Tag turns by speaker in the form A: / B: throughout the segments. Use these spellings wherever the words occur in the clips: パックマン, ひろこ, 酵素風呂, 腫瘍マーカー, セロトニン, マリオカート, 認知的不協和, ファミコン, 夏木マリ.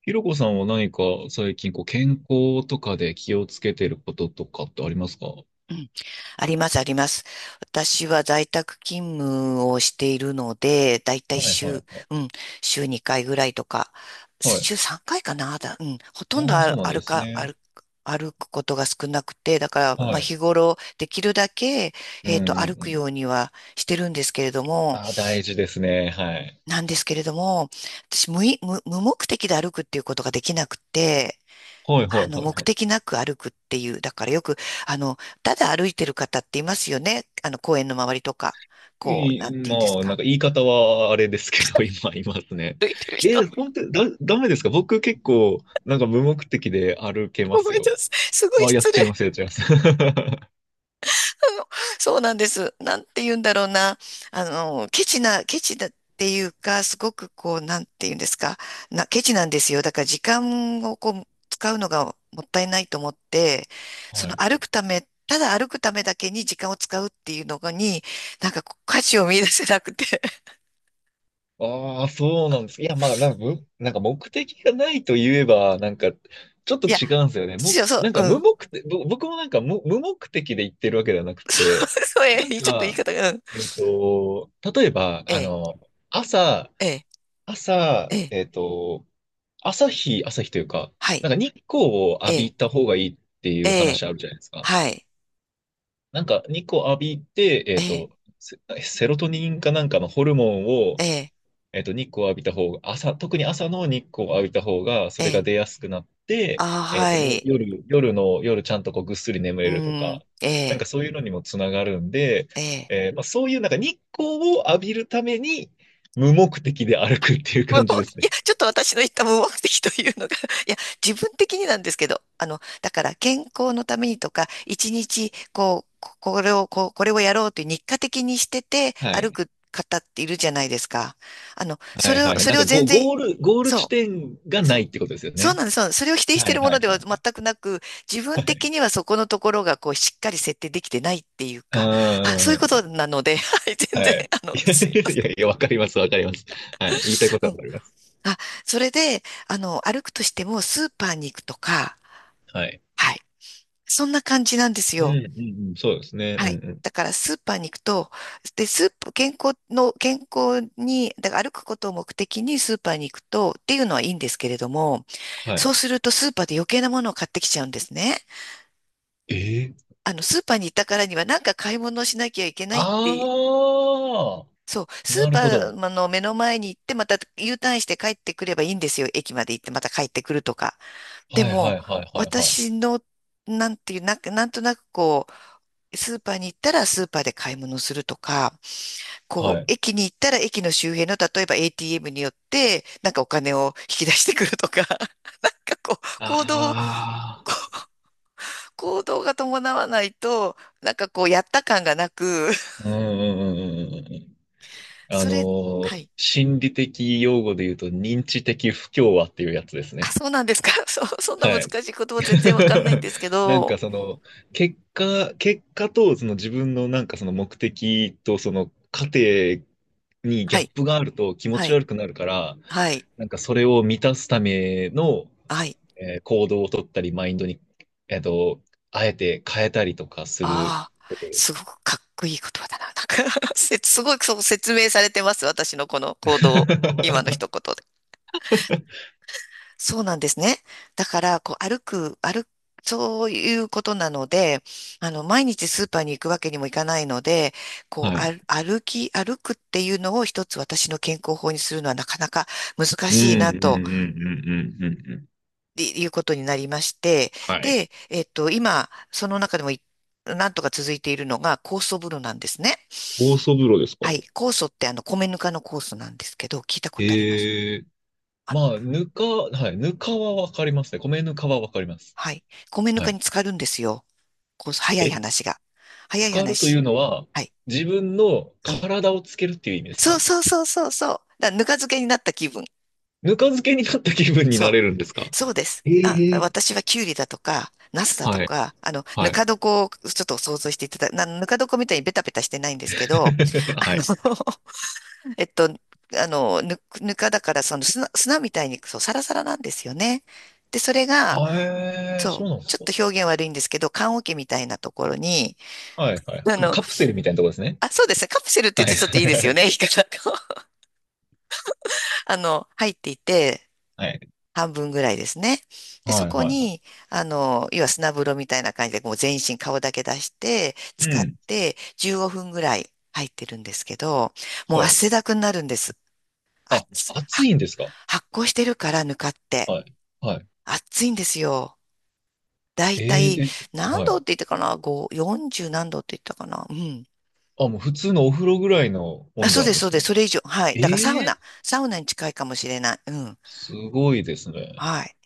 A: ひろこさんは何か最近こう健康とかで気をつけてることとかってありますか？は
B: うん、あります、あります。私は在宅勤務をしているので、だいた
A: い
B: い
A: はいは
B: 週、
A: い。
B: うん、週2回ぐらいとか、
A: はい。
B: 週3回かいかな、だ、うん、ほとんど
A: ああ、そうなんですね。
B: 歩くことが少なくて、だから、ま
A: は
B: あ、
A: い。
B: 日頃、できるだけ、
A: うんうんう
B: 歩くよ
A: ん。
B: うにはしてるんですけれども、
A: ああ、大事ですね。はい。
B: なんですけれども、私無い、無、無目的で歩くっていうことができなくて、
A: はいはいはい
B: 目
A: はい。
B: 的なく歩くっていう、だからよく、あの、ただ歩いてる方っていますよね。公園の周りとか、こう、
A: い
B: な
A: い、
B: んて言う
A: ま
B: んです
A: あ、なん
B: か。
A: か言い方はあれですけど、今いますね。
B: 歩いてる人。
A: え、本当にダメですか？僕結構、なんか無目的で歩けま
B: ご
A: す
B: めん
A: よ。
B: なさい。すごい
A: ああ、やっ
B: 失
A: ち
B: 礼。
A: ゃいます、やっちゃいます。は
B: の、そうなんです。なんて言うんだろうな。ケチだっていうか、すごくこう、なんて言うんですか。ケチなんですよ。だから時間をこう、使うのがもったいないと思って、その
A: い。
B: 歩くため、ただ歩くためだけに時間を使うっていうのに、なんかこう価値を見出せなくて。
A: ああ、そうなんです。いや、まあ、なんかむ、なんか目的がないと言えば、なんか、ちょっと
B: いや、
A: 違うんですよね。
B: そう、そう、
A: なんか
B: う
A: 無
B: ん。
A: 目的、僕もなんか無目的で言ってるわけではなく て、
B: そう、え
A: なん
B: え、ちょっと言い
A: か、
B: 方が、うん。
A: 例えば、
B: ええ、
A: 朝、
B: ええ、
A: 朝、
B: ええ、
A: 朝日というか、
B: はい、
A: なんか日光を
B: え
A: 浴
B: え、
A: びた方がいいってい
B: え
A: う話
B: え、
A: あるじゃないですか。
B: はい、
A: なんか日光浴びて、
B: ええ、
A: セロトニンかなんかのホルモンを、
B: ええ、
A: 日光を浴びた方が、朝、特に朝の日光を浴びた方が、そ
B: え
A: れが
B: え、
A: 出やすくなって、
B: ああ
A: えっと、
B: は
A: よ、
B: い、
A: 夜、夜の、夜ちゃんとこうぐっすり眠
B: う
A: れると
B: ん、
A: か、
B: え
A: なんか
B: え、
A: そういうのにもつながるんで、
B: ええ。
A: まあ、そういうなんか日光を浴びるために、無目的で歩くっていう
B: もう
A: 感じです
B: いや、
A: ね。
B: ちょっと私の言った無目的というのが、いや、自分的になんですけど、だから健康のためにとか、一日、こう、これをやろうという日課的にしてて
A: は
B: 歩
A: い。
B: く方っているじゃないですか。
A: はいはいはい。
B: そ
A: な
B: れ
A: ん
B: を
A: か
B: 全
A: ゴ、
B: 然、
A: ゴール、ゴール地
B: そ
A: 点が
B: う。そ
A: ない
B: う。
A: ってことですよ
B: そう
A: ね。
B: なんです。そうなんです。それを否定し
A: は
B: てい
A: い
B: るも
A: はい
B: ので
A: は
B: は全
A: い
B: くなく、自分
A: は
B: 的
A: い。
B: にはそこのところがこうしっかり設定できてないっていう
A: うー
B: か、そういうこと
A: ん。
B: なので、はい、全然、
A: はい。
B: すいま せ
A: い
B: ん。
A: やいや、わかります、わかります。はい。言いたいこと
B: う
A: はわ
B: ん。
A: かります。
B: あ、それで、歩くとしてもスーパーに行くとか、
A: はい。
B: はい。そんな感じなんです
A: う
B: よ。
A: ん、うん、うん、そうですね。うん、
B: はい。
A: うん。
B: だからスーパーに行くと、で、スーパー、健康の、健康に、だから歩くことを目的にスーパーに行くとっていうのはいいんですけれども、
A: は
B: そう
A: い。
B: するとスーパーで余計なものを買ってきちゃうんですね。
A: ええ
B: スーパーに行ったからにはなんか買い物をしなきゃいけないって、
A: ああ
B: そう、
A: ー、
B: ス
A: な
B: ー
A: る
B: パ
A: ほど。
B: ーの目の前に行ってまた U ターンして帰ってくればいいんですよ。駅まで行ってまた帰ってくるとか。で
A: はい、は
B: も、
A: い、はい、はい、はい。
B: 私の、なんていう、なんか、なんとなくこう、スーパーに行ったらスーパーで買い物するとか、
A: は
B: こう、
A: い。
B: 駅に行ったら駅の周辺の、例えば ATM によって、なんかお金を引き出してくるとか、なんかこう、
A: あ
B: 行動が伴わないと、なんかこう、やった感がなく、
A: あ、うん、うん、うん、うんうんうん。あ
B: そ
A: の
B: れ、はい。
A: 心理的用語で言うと、認知的不協和っていうやつです
B: あ、
A: ね。
B: そうなんですか。そう、そんな難
A: はい。
B: しい言葉全然わかんないん ですけ
A: なん
B: ど。
A: かその結果とその自分のなんかその目的とその過程にギ
B: は
A: ャッ
B: い、
A: プがあると気持
B: は
A: ち
B: い、
A: 悪くなるから、
B: はい、
A: なんかそれを満たすための、
B: はい。
A: 行動を取ったり、マインドに、えっと、あえて変えたりとかする
B: ああ、
A: ことで
B: す
A: す。
B: ごくかっこいい言葉だな。すごいそう説明されてます。私のこの行動、今の一 言で。そうなんですね。だから、こう、歩く、歩く、そういうことなので、毎日スーパーに行くわけにもいかないので、こ
A: は
B: う、
A: い。
B: 歩くっていうのを一つ私の健康法にするのはなかなか難
A: うん、うん、う
B: し
A: ん、
B: いなと
A: うん、うん、うん。うん
B: っていうことになりまして、
A: はい。
B: で、今、その中でもなんとか続いているのが酵素風呂なんですね。
A: 酵素風呂ですか？
B: はい。酵素って米ぬかの酵素なんですけど、聞いたことあります？
A: ええ
B: あの、
A: まあ、ぬか、はい、ぬかはわかりますね。米ぬかはわかります。
B: はい。米ぬ
A: は
B: かに
A: い。
B: 浸かるんですよ。酵素、早い
A: え、
B: 話が。早
A: 浸
B: い
A: かるとい
B: 話。
A: うのは、
B: はい。
A: 自分の
B: うん。
A: 体をつけるっていう意味です
B: そう
A: か？
B: そうそうそうそう。だからぬか漬けになった気分。
A: ぬか漬けになった気分に
B: そ
A: な
B: う。
A: れるんですか？
B: そうです。あ、
A: ええ
B: 私はキュウリだとか、ナスだと
A: はい。
B: か、ぬ
A: はい。
B: か床をちょっと想像していただ、な、ぬか床みたいにベタベタしてないんですけど、あ
A: は
B: の、
A: い。
B: ぬかだからその砂みたいにそう、サラサラなんですよね。で、それが、
A: あ、
B: そう、
A: そうなんです
B: ちょっ
A: か？
B: と表現悪いんですけど、棺桶みたいなところに、
A: はいはい。
B: あ
A: でも
B: の、
A: カプセルみたいなとこですね。
B: そうですね、カプセルって言っ
A: はい。
B: てちょっといいです
A: は
B: よ
A: い
B: ね、言い方が 入っていて、
A: はい。
B: 半分ぐらいですね。で、
A: は
B: そ
A: い
B: こ
A: はいは
B: に、要は砂風呂みたいな感じで、もう全身顔だけ出して、
A: い。う
B: 使っ
A: ん。
B: て、15分ぐらい入ってるんですけど、もう
A: はい。
B: 汗だくになるんです。あ、
A: あ、
B: つ
A: 暑
B: は
A: いんですか？
B: 発酵してるから、ぬかって。
A: はい。はい。
B: 暑いんですよ。だい
A: え
B: た
A: ー、
B: い
A: え、
B: 何
A: は
B: 度っ
A: い。
B: て言ったかな ?5、40何度って言ったかな、うん。
A: あ、もう普通のお風呂ぐらいの
B: あ、
A: 温
B: そ
A: 度
B: う
A: な
B: で
A: ん
B: す、
A: で
B: そう
A: す
B: です。
A: ね。
B: それ以上。はい。だからサウ
A: え
B: ナ。
A: え
B: サウナに近いかもしれない。うん。
A: すごいですね。
B: はい。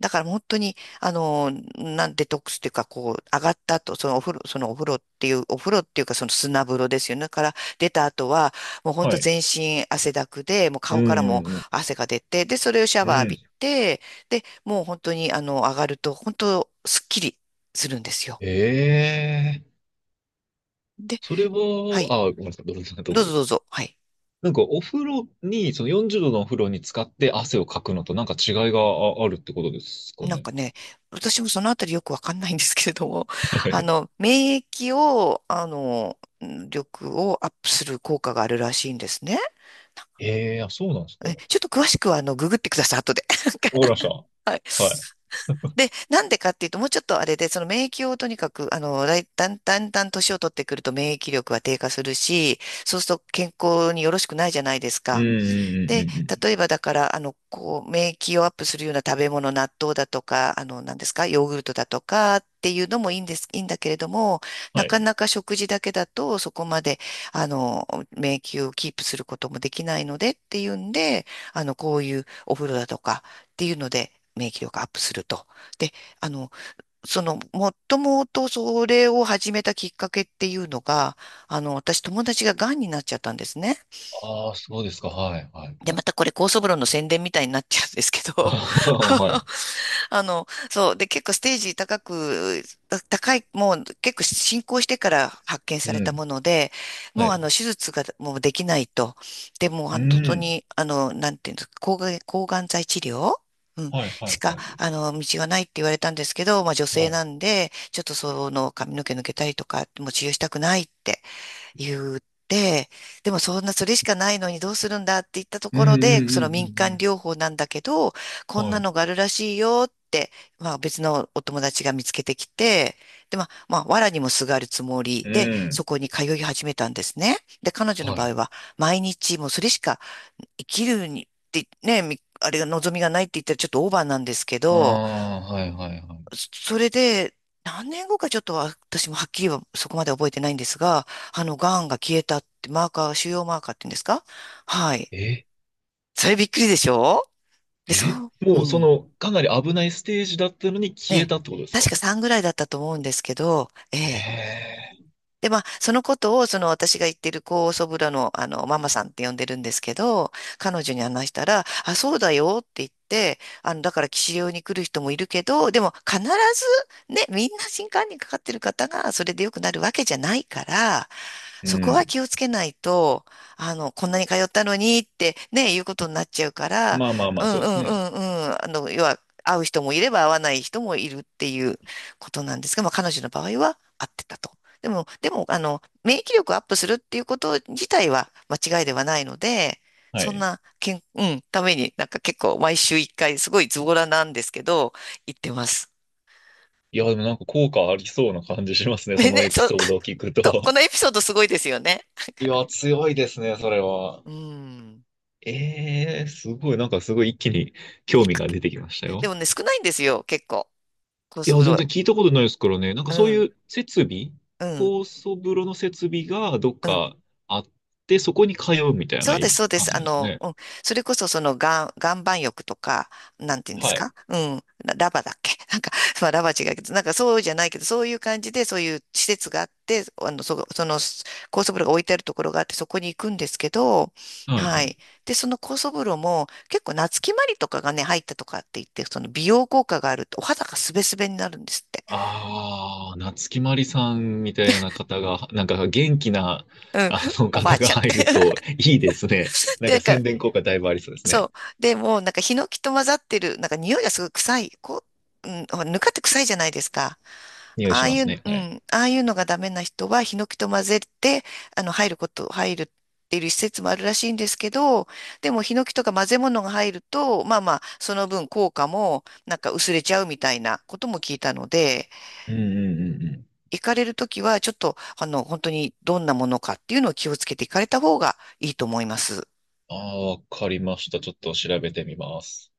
B: だから本当に、デトックスっていうか、こう、上がった後、そのお風呂っていう、お風呂っていうか、その砂風呂ですよね。から出た後は、もう本当
A: はい。
B: 全身汗だくで、もう
A: う
B: 顔から
A: んう
B: も
A: んうん。
B: 汗が出て、で、それをシャ
A: う
B: ワー浴び
A: ん
B: て、で、もう本当に、上がると、本当、すっきりするんですよ。
A: ええそれは、
B: はい。
A: あ、ごめんなさい、どうぞ、どう
B: ど
A: ぞ。
B: うぞどうぞ。はい。
A: なんか、お風呂に、その40度のお風呂に使って汗をかくのとなんか違いがあるってことですか
B: なん
A: ね？
B: かね、私もそのあたりよくわかんないんですけれども、
A: は い。
B: 免疫を、力をアップする効果があるらしいんですね。
A: ええあ、そうなんですか？わか
B: ちょっと詳しくは、ググってください、後で。
A: りました。
B: はい。
A: はい。
B: で、なんでかっていうと、もうちょっとあれで、その免疫をとにかく、だんだんだん年を取ってくると免疫力は低下するし、そうすると健康によろしくないじゃないです
A: うんう
B: か。
A: んうんう
B: で、
A: んうん。
B: 例えばだから、こう、免疫をアップするような食べ物、納豆だとか、何ですか、ヨーグルトだとかっていうのもいいんだけれども、な
A: はい。
B: かなか食事だけだと、そこまで、免疫をキープすることもできないのでっていうんで、こういうお風呂だとかっていうので、免疫力アップすると。で、あの、もっともとそれを始めたきっかけっていうのが、私友達が癌になっちゃったんですね。
A: ああ、そうですか？はい、はい、
B: で、
A: は
B: ま
A: い。
B: たこれ、高層風呂の宣伝みたいになっちゃうんですけど、
A: はい。
B: そう、で、結構ステージ高く、た高い、もう結構進行してから発見さ
A: う
B: れた
A: ん。
B: もので、
A: は
B: もう
A: い。
B: 手術がもうできないと。で、もう
A: う
B: 本当
A: ん。
B: に、なんていうんですか、抗がん剤治療うん、
A: はい、は
B: し
A: い、
B: か、
A: はい。
B: 道がないって言われたんですけど、まあ女
A: は
B: 性
A: い。
B: なんで、ちょっとその髪の毛抜けたりとか、もう治療したくないって言って、でもそんなそれしかないのにどうするんだって言ったと
A: うん、
B: こ
A: うん、
B: ろで、そ
A: う
B: の民間
A: ん、
B: 療法なんだけど、
A: う
B: こ
A: ん。う
B: ん
A: んは
B: な
A: い。
B: のがあるらしいよって、まあ別のお友達が見つけてきて、で、まあ、まあ、藁にもすがるつもり
A: う
B: で、そ
A: ん。
B: こに通い始めたんですね。で、彼女の
A: は
B: 場
A: い。
B: 合は、毎日もうそれしか生きるに、ってね、みあれが望みがないって言ったらちょっとオーバーなんですけ
A: あ
B: ど、
A: あ、はい、はい、はい。
B: それで、何年後かちょっとは私もはっきりはそこまで覚えてないんですが、癌が消えたって、マーカー、腫瘍マーカーって言うんですか。はい。
A: え
B: それびっくりでしょ。で、そ
A: え
B: う、う
A: もうそ
B: ん。
A: のかなり危ないステージだったのに消え
B: ね、
A: たってことですか？
B: 確か3ぐらいだったと思うんですけど、ええ。
A: ええ
B: で、まあ、そのことを、その私が言ってる高祖父母の、ママさんって呼んでるんですけど、彼女に話したら、あ、そうだよって言って、だから、騎士用に来る人もいるけど、でも、必ず、ね、みんな新冠にかかってる方が、それで良くなるわけじゃないから、
A: う
B: そこは
A: ん。
B: 気をつけないと、こんなに通ったのにってね、いうことになっちゃうから、
A: まあまあま
B: う
A: あ、そ
B: ん
A: う
B: う
A: です
B: んう
A: ね。
B: んうん、要は、会う人もいれば会わない人もいるっていうことなんですが、まあ、彼女の場合は会ってたと。でも、免疫力をアップするっていうこと自体は間違いではないので、
A: は
B: そん
A: い。
B: な、けん、うん、ために、なんか結構毎週一回、すごいズボラなんですけど、行ってます。
A: いや、でもなんか効果ありそうな感じします ね。そ
B: ね、
A: のエピ
B: そ、
A: ソードを聞く
B: こ
A: と。
B: のエピソードすごいですよね。
A: いや、強いですね、それは。
B: うん。
A: ええすごい、なんかすごい一気に興
B: 行
A: 味
B: く
A: が出てきました
B: で
A: よ。
B: もね、少ないんですよ、結構。コー
A: い
B: ス
A: や、
B: ブロ
A: 全
B: ー。
A: 然聞いたことないですからね。なんか
B: う
A: そうい
B: ん、
A: う設備、
B: うん、
A: 高層風呂の設備がどっ
B: うん。
A: かあって、そこに通うみたい
B: そ
A: な
B: うです、そうで
A: 感
B: す。
A: じなんですね。
B: うん。それこそ、その、岩盤浴とか、なんていうんです
A: はい。
B: か。うん。ララバだっけ。 なんか、まあ、ラバ違うけど、なんかそうじゃないけど、そういう感じで、そういう施設があって、その、高速風呂が置いてあるところがあって、そこに行くんですけど、
A: はい
B: は
A: はい。
B: い。で、その高速風呂も、結構、夏木マリとかがね、入ったとかって言って、その、美容効果があると、お肌がスベスベになるんですって。
A: ああ、夏木マリさんみたいな方が、なんか元気な、
B: うん。
A: あの
B: おば
A: 方
B: あ
A: が
B: ちゃんっ
A: 入
B: て。
A: るといいですね。なん
B: な
A: か
B: んか、
A: 宣伝効果だいぶありそうです
B: そ
A: ね。
B: う。で、もなんかヒノキと混ざってる、なんか匂いがすごい臭い。こう、うん、ほらぬかって臭いじゃないですか。
A: 匂い
B: あ
A: し
B: あ
A: ま
B: い
A: す
B: う、
A: ね。
B: う
A: はい。
B: ん、ああいうのがダメな人はヒノキと混ぜて、入るっていう施設もあるらしいんですけど、でもヒノキとか混ぜ物が入ると、まあまあ、その分効果もなんか薄れちゃうみたいなことも聞いたので、
A: うんうんうんうん。
B: 行かれるときはちょっと、本当にどんなものかっていうのを気をつけて行かれた方がいいと思います。
A: ああ、わかりました。ちょっと調べてみます。